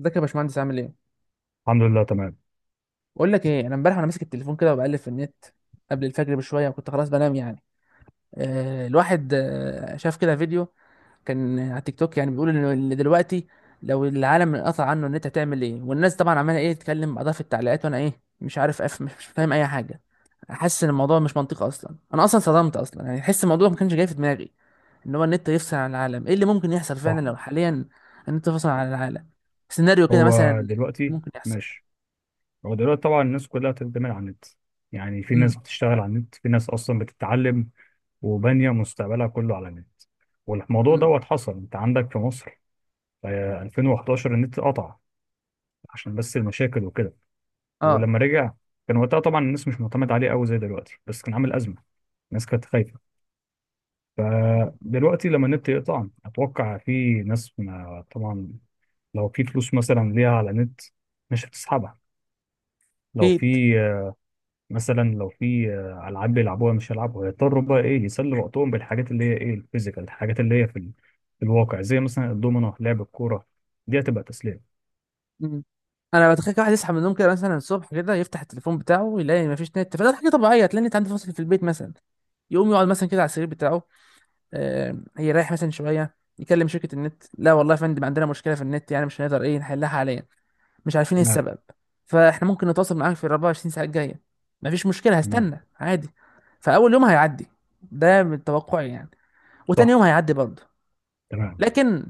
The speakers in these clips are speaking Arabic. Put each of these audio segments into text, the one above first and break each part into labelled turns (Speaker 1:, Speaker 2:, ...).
Speaker 1: ازيك يا باشمهندس؟ عامل ايه؟
Speaker 2: الحمد لله تمام.
Speaker 1: بقول لك ايه، انا امبارح وانا ماسك التليفون كده وبقلب في النت قبل الفجر بشويه، وكنت خلاص بنام يعني. الواحد شاف كده فيديو كان على تيك توك، يعني بيقول إن دلوقتي لو العالم انقطع عنه النت هتعمل ايه، والناس طبعا عماله ايه تتكلم بعضها في التعليقات، وانا ايه مش عارف مش فاهم اي حاجه. حاسس ان الموضوع مش منطقي اصلا، انا اصلا صدمت اصلا يعني، حس الموضوع ما كانش جاي في دماغي ان هو النت يفصل عن العالم. ايه اللي ممكن يحصل
Speaker 2: صح.
Speaker 1: فعلا لو حاليا النت فصل عن العالم؟ سيناريو كده
Speaker 2: هو
Speaker 1: مثلا
Speaker 2: دلوقتي
Speaker 1: ممكن يحصل.
Speaker 2: ماشي. هو دلوقتي طبعا الناس كلها بتعتمد على النت، يعني في
Speaker 1: امم
Speaker 2: ناس بتشتغل على النت، في ناس اصلا بتتعلم وبانيه مستقبلها كله على النت. والموضوع
Speaker 1: إمم.
Speaker 2: دوت حصل انت عندك في مصر، 2011 النت قطع عشان بس المشاكل وكده.
Speaker 1: اه.
Speaker 2: ولما رجع كان وقتها طبعا الناس مش معتمد عليه قوي زي دلوقتي، بس كان عامل أزمة. الناس كانت خايفة. فدلوقتي لما النت يقطع أتوقع في ناس، ما طبعا لو في فلوس مثلا ليها على النت مش هتسحبها. لو
Speaker 1: اكيد.
Speaker 2: في آه، مثلا لو في آه، ألعاب بيلعبوها مش هيلعبوها، هيضطروا بقى إيه يسلوا وقتهم بالحاجات اللي هي إيه الفيزيكال، الحاجات اللي هي في الواقع زي مثلا الدومينو، لعب الكورة، دي هتبقى تسلية.
Speaker 1: مم. انا بتخيل كده واحد يصحى من النوم كده مثلا الصبح، كده يفتح التليفون بتاعه يلاقي مفيش نت، فده حاجه طبيعيه تلاقي النت عنده فاصل في البيت مثلا. يقوم يقعد مثلا كده على السرير بتاعه، يريح مثلا شويه، يكلم شركه النت: لا والله يا فندم عندنا مشكله في النت، يعني مش هنقدر ايه نحلها حاليا، مش عارفين ايه
Speaker 2: تمام.
Speaker 1: السبب، فاحنا ممكن نتواصل معاك في ال 24 ساعه الجايه. مفيش مشكله،
Speaker 2: تمام.
Speaker 1: هستنى عادي. فاول يوم هيعدي، ده من توقعي يعني، وتاني
Speaker 2: صح.
Speaker 1: يوم هيعدي برضه.
Speaker 2: تمام.
Speaker 1: لكن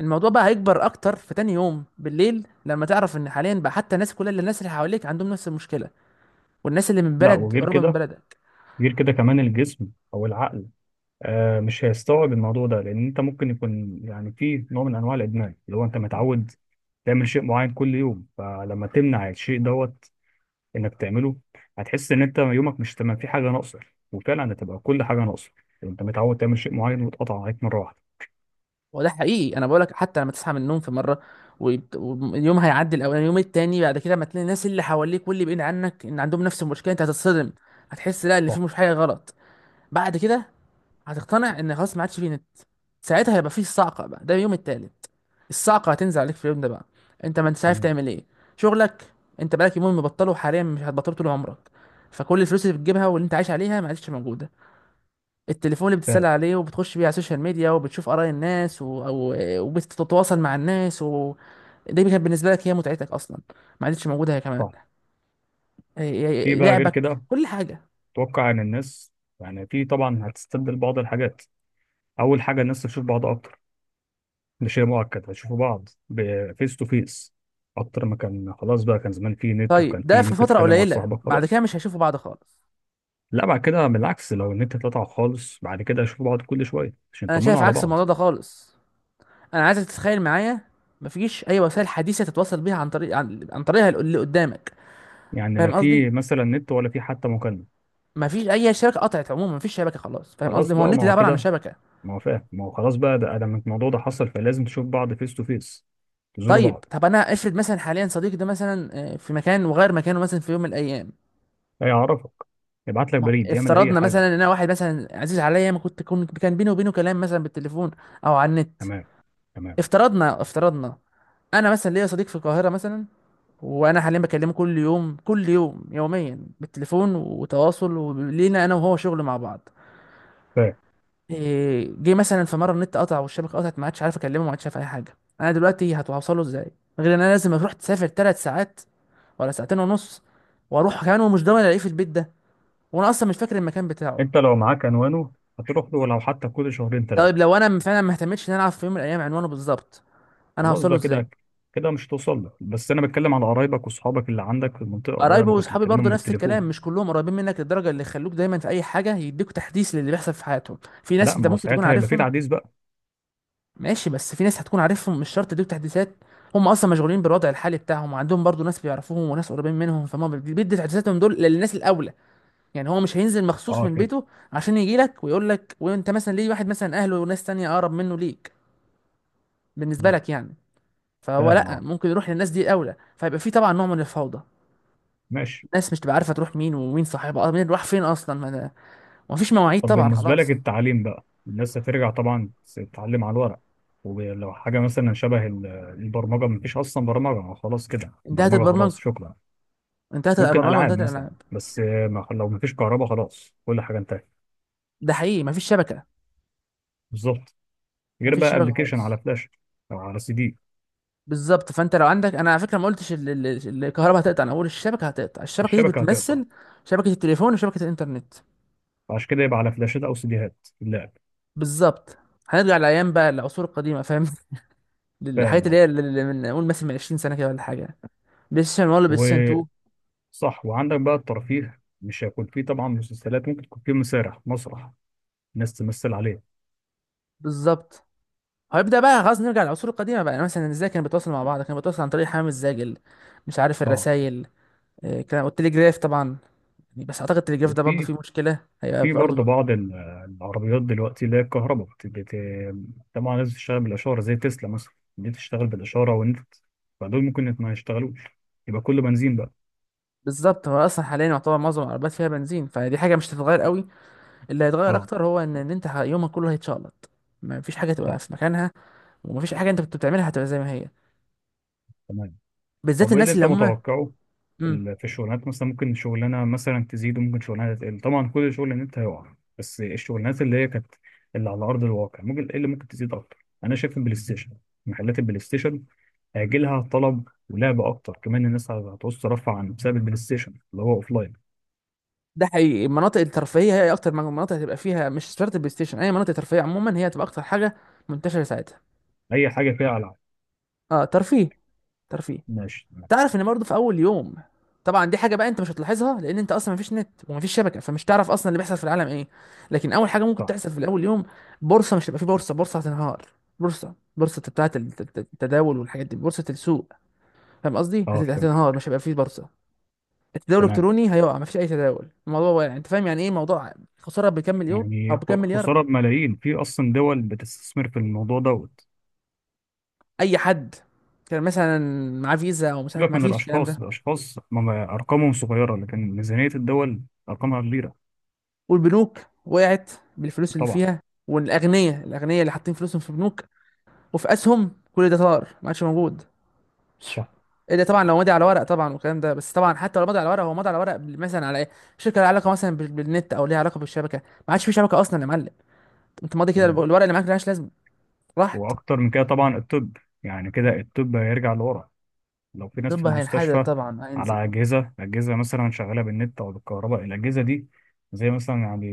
Speaker 1: الموضوع بقى هيكبر اكتر في تاني يوم بالليل، لما تعرف ان حاليا بقى حتى الناس، كل اللي الناس اللي حواليك عندهم نفس المشكله، والناس اللي من
Speaker 2: لا
Speaker 1: بلد
Speaker 2: وغير
Speaker 1: قريبه من
Speaker 2: كده،
Speaker 1: بلدك.
Speaker 2: غير كده كمان الجسم او العقل آه مش هيستوعب الموضوع ده، لان انت ممكن يكون يعني في نوع من انواع الادمان، اللي هو انت متعود تعمل شيء معين كل يوم، فلما تمنع الشيء دوت انك تعمله هتحس ان انت يومك مش تمام، في حاجه ناقصه. وفعلا هتبقى كل حاجه ناقصه. انت متعود تعمل شيء معين واتقطع عليك مره واحده.
Speaker 1: وده حقيقي، انا بقولك حتى لما تصحى من النوم في مره، واليوم هيعدي الاولاني، اليوم التاني بعد كده ما تلاقي الناس اللي حواليك واللي بعيد عنك ان عندهم نفس المشكله، انت هتتصدم. هتحس لا ان في
Speaker 2: صح.
Speaker 1: مش حاجه غلط. بعد كده هتقتنع ان خلاص ما عادش فيه نت. ساعتها هيبقى فيه الصعقه بقى، ده اليوم التالت. الصعقه هتنزل عليك في اليوم ده بقى. انت ما انتش عارف
Speaker 2: تمام.
Speaker 1: تعمل ايه. شغلك، انت بقالك يومين مبطله، حاليا مش هتبطله طول عمرك. فكل الفلوس اللي بتجيبها واللي انت عايش عليها ما عادش موجوده. التليفون اللي بتتسلى
Speaker 2: فاهم.
Speaker 1: عليه وبتخش بيه على السوشيال ميديا وبتشوف اراء الناس وبتتواصل مع الناس دي كانت بالنسبه لك هي متعتك اصلا، ما عادش موجوده هي كمان.
Speaker 2: صح. في بقى غير
Speaker 1: لعبك،
Speaker 2: كده.
Speaker 1: كل حاجه.
Speaker 2: اتوقع ان الناس يعني في طبعا هتستبدل بعض الحاجات. اول حاجه الناس تشوف بعض اكتر، مش هي مؤقت هتشوفوا بعض فيس تو فيس اكتر ما كان. خلاص بقى كان زمان في نت وكان
Speaker 1: طيب ده
Speaker 2: في
Speaker 1: في
Speaker 2: ممكن
Speaker 1: فتره
Speaker 2: تكلم واحد
Speaker 1: قليله
Speaker 2: صاحبك
Speaker 1: بعد كده
Speaker 2: خلاص.
Speaker 1: مش هيشوفوا بعض خالص.
Speaker 2: لا، بعد كده بالعكس، لو النت اتقطع خالص بعد كده هيشوفوا بعض كل شويه عشان
Speaker 1: انا
Speaker 2: يطمنوا
Speaker 1: شايف
Speaker 2: على
Speaker 1: عكس
Speaker 2: بعض.
Speaker 1: الموضوع ده خالص. انا عايزك تتخيل معايا، مفيش اي وسائل حديثه تتواصل بيها عن طريق عن طريقها اللي قدامك.
Speaker 2: يعني لا
Speaker 1: فاهم قصدي؟
Speaker 2: في مثلا نت ولا في حتى مكالمه.
Speaker 1: مفيش اي شبكه، قطعت عموما، مفيش شبكه خلاص. فاهم
Speaker 2: خلاص
Speaker 1: قصدي؟ ما هو
Speaker 2: بقى ما
Speaker 1: النت ده
Speaker 2: هو
Speaker 1: عباره عن
Speaker 2: كده.
Speaker 1: شبكه.
Speaker 2: ما هو فاهم، ما هو خلاص بقى ده لما الموضوع ده حصل فلازم تشوف بعض فيس تو فيس، تزوروا
Speaker 1: طيب،
Speaker 2: بعض.
Speaker 1: طب انا افرض مثلا حاليا صديقي ده مثلا، في مكان وغير مكانه مثلا في يوم من الايام.
Speaker 2: هيعرفك، يبعت لك
Speaker 1: ما هو
Speaker 2: بريد، يعمل اي
Speaker 1: افترضنا
Speaker 2: حاجه.
Speaker 1: مثلا ان انا واحد مثلا عزيز عليا، ما كنت كان بيني وبينه كلام مثلا بالتليفون او على النت.
Speaker 2: تمام. تمام.
Speaker 1: افترضنا افترضنا، انا مثلا ليا صديق في القاهره مثلا، وانا حاليا بكلمه كل يوم كل يوم يوميا بالتليفون، وتواصل، ولينا انا وهو شغل مع بعض.
Speaker 2: فاهم.
Speaker 1: جه مثلا في مره النت قطع والشبكه قطعت، ما عادش عارف اكلمه، ما عادش عارف اي حاجه. انا دلوقتي هتوصله ازاي؟ غير ان انا لازم اروح تسافر ثلاث ساعات، ولا ساعتين ونص، واروح كمان ومش ضامن الاقيه في البيت ده، وانا اصلا مش فاكر المكان بتاعه.
Speaker 2: انت لو معاك عنوانه هتروح له لو حتى كل شهرين
Speaker 1: طيب
Speaker 2: ثلاثه.
Speaker 1: لو انا فعلا ما اهتمتش ان انا اعرف في يوم من الايام عنوانه بالظبط، انا
Speaker 2: خلاص
Speaker 1: هوصله
Speaker 2: بقى
Speaker 1: ازاي؟
Speaker 2: كده. كده مش توصل لك، بس انا بتكلم على قرايبك واصحابك اللي عندك في المنطقه، بدل
Speaker 1: قرايبي
Speaker 2: ما كنت
Speaker 1: واصحابي برضه
Speaker 2: بكلمهم
Speaker 1: نفس الكلام،
Speaker 2: بالتليفون.
Speaker 1: مش كلهم قريبين منك للدرجه اللي يخلوك دايما في اي حاجه، يديك تحديث للي بيحصل في حياتهم. في ناس
Speaker 2: لا
Speaker 1: انت
Speaker 2: ما هو
Speaker 1: ممكن تكون
Speaker 2: ساعتها هيبقى في
Speaker 1: عارفهم.
Speaker 2: تعديل بقى.
Speaker 1: ماشي، بس في ناس هتكون عارفهم مش شرط يديك تحديثات. هم اصلا مشغولين بالوضع الحالي بتاعهم، وعندهم برضه ناس بيعرفوهم وناس قريبين منهم، فهم بيدي تحديثاتهم دول للناس الاولى. يعني هو مش هينزل مخصوص
Speaker 2: اه،
Speaker 1: من
Speaker 2: فهمت.
Speaker 1: بيته عشان يجي لك ويقول لك، وانت مثلا ليه، واحد مثلا اهله وناس تانية اقرب منه ليك بالنسبه
Speaker 2: تمام.
Speaker 1: لك يعني. فهو
Speaker 2: فاهم
Speaker 1: لا،
Speaker 2: اه.
Speaker 1: ممكن يروح للناس دي الاولى، فيبقى في طبعا نوع من الفوضى.
Speaker 2: ماشي.
Speaker 1: الناس مش تبقى عارفه تروح مين، ومين صاحبها، مين راح فين اصلا. ومفيش مواعيد
Speaker 2: طب
Speaker 1: طبعا،
Speaker 2: بالنسبه لك
Speaker 1: خلاص
Speaker 2: التعليم بقى، الناس هترجع طبعا تتعلم على الورق. ولو حاجه مثلا شبه البرمجه، ما فيش اصلا برمجه، ما خلاص كده
Speaker 1: انتهت
Speaker 2: برمجه خلاص
Speaker 1: البرمجه.
Speaker 2: شكرا.
Speaker 1: انتهت
Speaker 2: ممكن
Speaker 1: البرمجه
Speaker 2: العاب
Speaker 1: وانتهت
Speaker 2: مثلا،
Speaker 1: الالعاب.
Speaker 2: بس ما لو ما فيش كهرباء خلاص كل حاجه انتهت.
Speaker 1: ده حقيقي، مفيش شبكه.
Speaker 2: بالظبط. غير
Speaker 1: مفيش
Speaker 2: بقى
Speaker 1: شبكه
Speaker 2: ابلكيشن
Speaker 1: خالص.
Speaker 2: على فلاش او على سي دي.
Speaker 1: بالظبط، فانت لو عندك، انا على فكره ما قلتش الكهرباء هتقطع، انا اقول الشبكه هتقطع. الشبكه دي
Speaker 2: الشبكه هتقطع.
Speaker 1: بتمثل شبكه التليفون وشبكه الانترنت.
Speaker 2: عشان كده يبقى على فلاشات او سيديهات اللعب.
Speaker 1: بالظبط، هنرجع لايام بقى العصور القديمه، فاهم؟ الحاجات
Speaker 2: فاهم
Speaker 1: اللي
Speaker 2: أهو.
Speaker 1: هي اللي من نقول مثلا من 20 سنه كده ولا حاجه. بلاي ستيشن 1، بلاي ستيشن 2.
Speaker 2: وصح، وعندك بقى الترفيه مش هيكون فيه طبعا مسلسلات، ممكن تكون فيه مسارح، مسرح ناس تمثل عليه.
Speaker 1: بالظبط، هيبدا بقى خلاص نرجع للعصور القديمه بقى. يعني مثلا ازاي كانوا بيتواصلوا مع بعض؟ كانوا بيتواصلوا عن طريق حمام الزاجل، مش عارف،
Speaker 2: اه.
Speaker 1: الرسايل كان، والتليجراف طبعا. بس اعتقد التليجراف ده برضه
Speaker 2: وفي
Speaker 1: فيه مشكله، هيبقى
Speaker 2: في برضه
Speaker 1: برضه.
Speaker 2: بعض العربيات دلوقتي اللي هي الكهرباء طبعا لازم تشتغل بالاشاره، زي تسلا مثلا، دي تشتغل بالاشاره والنت، فدول ممكن ما يشتغلوش. يبقى كله بنزين بقى.
Speaker 1: بالظبط، هو اصلا حاليا يعتبر معظم العربيات فيها بنزين، فدي حاجه مش هتتغير قوي. اللي هيتغير
Speaker 2: اه.
Speaker 1: اكتر هو ان انت يومك كله هيتشقلط. ما فيش حاجه تبقى
Speaker 2: صح.
Speaker 1: في مكانها، وما فيش حاجه انت كنت بتعملها هتبقى زي ما هي.
Speaker 2: تمام.
Speaker 1: بالذات
Speaker 2: طب ايه اللي
Speaker 1: الناس
Speaker 2: انت
Speaker 1: اللي هم،
Speaker 2: متوقعه
Speaker 1: امم
Speaker 2: في الشغلانات؟ مثلا ممكن شغلانه مثلا تزيد وممكن شغلانه تقل، طبعا كل شغل ان انت هيقع، بس الشغلانات اللي هي كانت اللي على ارض الواقع ممكن ايه اللي ممكن تزيد اكتر؟ انا شايف البلاي ستيشن، محلات البلاي ستيشن هيجي لها طلب ولعب اكتر، كمان الناس هتعوز ترفع عن بسبب البلاي ستيشن اللي هو اوف لاين.
Speaker 1: ده حقيقي، المناطق الترفيهيه هي اكتر مناطق هتبقى فيها، مش شرط البلاي ستيشن، اي مناطق ترفيهيه عموما هي هتبقى اكتر حاجه منتشره ساعتها.
Speaker 2: اي حاجه فيها العاب.
Speaker 1: اه ترفيه، ترفيه.
Speaker 2: ماشي تمام.
Speaker 1: تعرف ان برضه في اول يوم، طبعا دي حاجه بقى انت مش هتلاحظها، لان انت اصلا مفيش نت ومفيش شبكه، فمش تعرف اصلا اللي بيحصل في العالم ايه. لكن اول حاجه ممكن
Speaker 2: صح.
Speaker 1: تحصل في الاول يوم، بورصه مش هتبقى في بورصه، بورصه هتنهار. بورصه بتاعه التداول والحاجات دي، بورصه السوق، فاهم قصدي،
Speaker 2: اه فهمت.
Speaker 1: هتنهار، مش هيبقى في بورصه. التداول
Speaker 2: تمام.
Speaker 1: الالكتروني هيقع، مفيش اي تداول، الموضوع واقع. انت فاهم يعني ايه موضوع خساره بكام مليون او
Speaker 2: يعني
Speaker 1: بكام مليار؟
Speaker 2: خساره بملايين، في اصلا دول بتستثمر في الموضوع دوت.
Speaker 1: اي حد كان مثلا معاه فيزا او مش عارف،
Speaker 2: سيبك من
Speaker 1: مفيش الكلام
Speaker 2: الأشخاص،
Speaker 1: ده.
Speaker 2: الأشخاص أرقامهم صغيرة، لكن ميزانية الدول أرقامها كبيرة.
Speaker 1: والبنوك وقعت بالفلوس اللي
Speaker 2: طبعا.
Speaker 1: فيها. والاغنياء، الاغنياء اللي حاطين فلوسهم في بنوك وفي اسهم، كل ده طار ما عادش موجود.
Speaker 2: صح.
Speaker 1: ايه ده؟ طبعا لو مضي على ورق طبعا والكلام ده، بس طبعا حتى لو مضي على ورق، هو مضي على ورق مثلا على ايه، شركه لها علاقه مثلا بالنت، او ليها علاقه بالشبكه، ما عادش في شبكه اصلا يا معلم. انت ماضي كده،
Speaker 2: تمام.
Speaker 1: الورق اللي معاك ملهاش لازمه، راحت.
Speaker 2: وأكتر من كده طبعا الطب، يعني كده الطب هيرجع لورا لو في ناس في
Speaker 1: طب هينحدر
Speaker 2: المستشفى
Speaker 1: طبعا هينزل
Speaker 2: على أجهزة، أجهزة مثلا شغالة بالنت أو بالكهرباء. الأجهزة دي زي مثلا يعني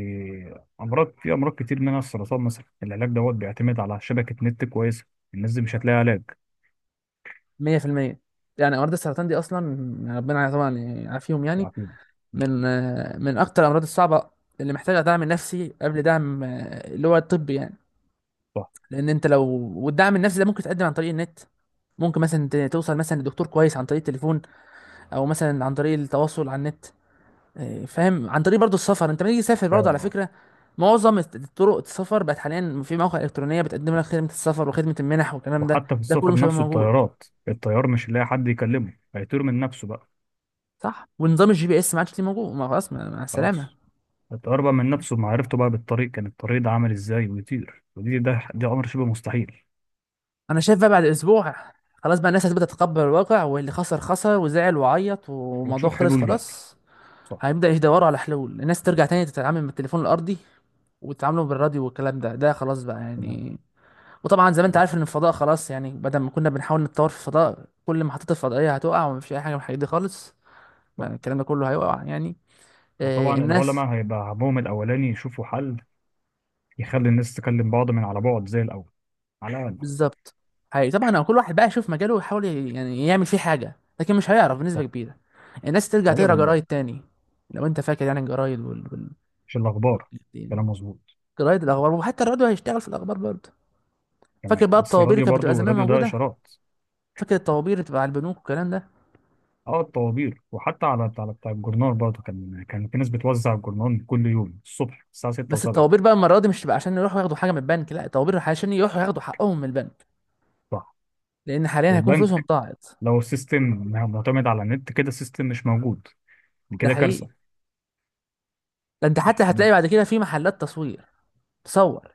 Speaker 2: في أمراض كتير منها السرطان مثلا، العلاج دوت بيعتمد على شبكة نت كويسة، الناس دي مش هتلاقي علاج
Speaker 1: 100%. يعني امراض السرطان دي اصلا، ربنا طبعا يعافيهم يعني،
Speaker 2: يعني.
Speaker 1: من من اكتر الامراض الصعبه اللي محتاجه دعم نفسي قبل دعم اللي هو الطبي يعني.
Speaker 2: صح.
Speaker 1: لان انت لو، والدعم النفسي ده ممكن تقدم عن طريق النت، ممكن مثلا توصل مثلا لدكتور كويس عن طريق التليفون، او مثلا عن طريق التواصل على النت. فاهم؟ عن طريق برضو السفر، انت لما تيجي تسافر برضو على
Speaker 2: فاهم اه.
Speaker 1: فكره، معظم طرق السفر بقت حاليا في مواقع الكترونيه بتقدم لك خدمه السفر وخدمه المنح والكلام ده،
Speaker 2: وحتى في
Speaker 1: ده كله
Speaker 2: السفر
Speaker 1: مش هيبقى
Speaker 2: نفسه،
Speaker 1: موجود.
Speaker 2: الطيارات الطيار مش هيلاقي حد يكلمه، هيطير من نفسه بقى.
Speaker 1: صح، ونظام الجي بي اس ما عادش ليه موجود، ما خلاص مع
Speaker 2: خلاص.
Speaker 1: السلامه.
Speaker 2: اتقرب من نفسه بمعرفته بقى بالطريق كان الطريق ده عامل ازاي ويطير، ودي ده دي امر شبه مستحيل.
Speaker 1: انا شايف بقى بعد اسبوع، خلاص بقى الناس هتبدا تتقبل الواقع، واللي خسر خسر وزعل وعيط والموضوع
Speaker 2: وتشوف
Speaker 1: خلص
Speaker 2: حلول بقى.
Speaker 1: خلاص.
Speaker 2: صح.
Speaker 1: هيبدا يدوروا على حلول، الناس ترجع تاني تتعامل من التليفون الارضي، وتتعاملوا بالراديو والكلام ده، ده خلاص بقى
Speaker 2: تمام.
Speaker 1: يعني. وطبعا زي ما انت عارف
Speaker 2: خلاص.
Speaker 1: ان الفضاء خلاص يعني، بدل ما كنا بنحاول نتطور في الفضاء، كل محطات الفضائيه هتقع، ومفيش اي حاجه من الحاجات دي خالص.
Speaker 2: صح.
Speaker 1: ما الكلام ده كله هيقع يعني.
Speaker 2: وطبعا
Speaker 1: الناس،
Speaker 2: العلماء هيبقى همهم الاولاني يشوفوا حل يخلي الناس تكلم بعض من على بعد زي الاول، على الاقل.
Speaker 1: بالظبط. حقيقي طبعا، هو كل واحد بقى يشوف مجاله ويحاول يعني يعمل فيه حاجه، لكن مش هيعرف بنسبه
Speaker 2: صح.
Speaker 1: كبيره. الناس ترجع تقرا
Speaker 2: غالبا
Speaker 1: جرايد
Speaker 2: اه.
Speaker 1: تاني. لو انت فاكر يعني الجرايد
Speaker 2: مش الاخبار.
Speaker 1: يعني
Speaker 2: كلام مظبوط.
Speaker 1: جرايد الاخبار، وحتى الراديو هيشتغل في الاخبار برضه. فاكر
Speaker 2: تمام،
Speaker 1: بقى
Speaker 2: بس
Speaker 1: الطوابير اللي
Speaker 2: الراديو
Speaker 1: كانت بتبقى
Speaker 2: برضو
Speaker 1: زمان
Speaker 2: الراديو ده
Speaker 1: موجوده؟
Speaker 2: اشارات.
Speaker 1: فاكر الطوابير اللي بتبقى على البنوك والكلام ده؟
Speaker 2: اه الطوابير، وحتى على بتاع الجورنال برضه، كان في ناس بتوزع الجورنال كل يوم الصبح الساعه 6
Speaker 1: بس
Speaker 2: و7.
Speaker 1: الطوابير بقى المره دي مش بقى عشان يروحوا ياخدوا حاجه من البنك، لا، الطوابير عشان يروحوا ياخدوا حقهم من البنك،
Speaker 2: صح.
Speaker 1: لان حاليا هيكون فلوسهم
Speaker 2: والبنك
Speaker 1: ضاعت.
Speaker 2: لو السيستم معتمد على النت كده السيستم مش موجود.
Speaker 1: ده
Speaker 2: كده
Speaker 1: حقيقي.
Speaker 2: كارثة.
Speaker 1: ده انت حتى
Speaker 2: ماشي
Speaker 1: هتلاقي
Speaker 2: تمام.
Speaker 1: بعد كده في محلات تصوير، تصور،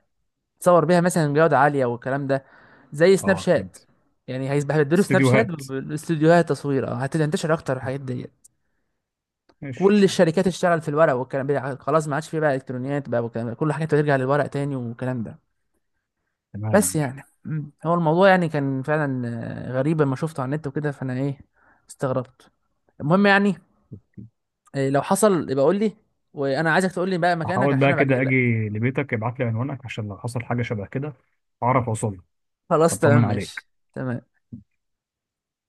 Speaker 1: تصور بيها مثلا جودة عالية والكلام ده، زي سناب
Speaker 2: اه
Speaker 1: شات،
Speaker 2: فهمت.
Speaker 1: يعني هيديله سناب شات
Speaker 2: استديوهات.
Speaker 1: بالاستوديوهات تصوير، اه هتنتشر اكتر الحاجات ديت.
Speaker 2: ماشي.
Speaker 1: كل الشركات تشتغل في الورق والكلام ده، خلاص ما عادش فيه بقى الكترونيات بقى والكلام ده، كل حاجة ترجع للورق تاني والكلام ده.
Speaker 2: تمام
Speaker 1: بس
Speaker 2: ماشي.
Speaker 1: يعني هو الموضوع يعني كان فعلا غريب لما شفته على النت وكده، فانا ايه استغربت. المهم يعني، لو حصل يبقى قول لي، وانا عايزك تقول لي بقى مكانك
Speaker 2: هحاول
Speaker 1: عشان
Speaker 2: بقى
Speaker 1: ابقى جاي
Speaker 2: كده
Speaker 1: لك.
Speaker 2: اجي لبيتك، ابعت لي عنوانك عشان لو حصل حاجة شبه كده اعرف اوصل لك،
Speaker 1: خلاص تمام،
Speaker 2: اطمن
Speaker 1: ماشي
Speaker 2: عليك.
Speaker 1: تمام.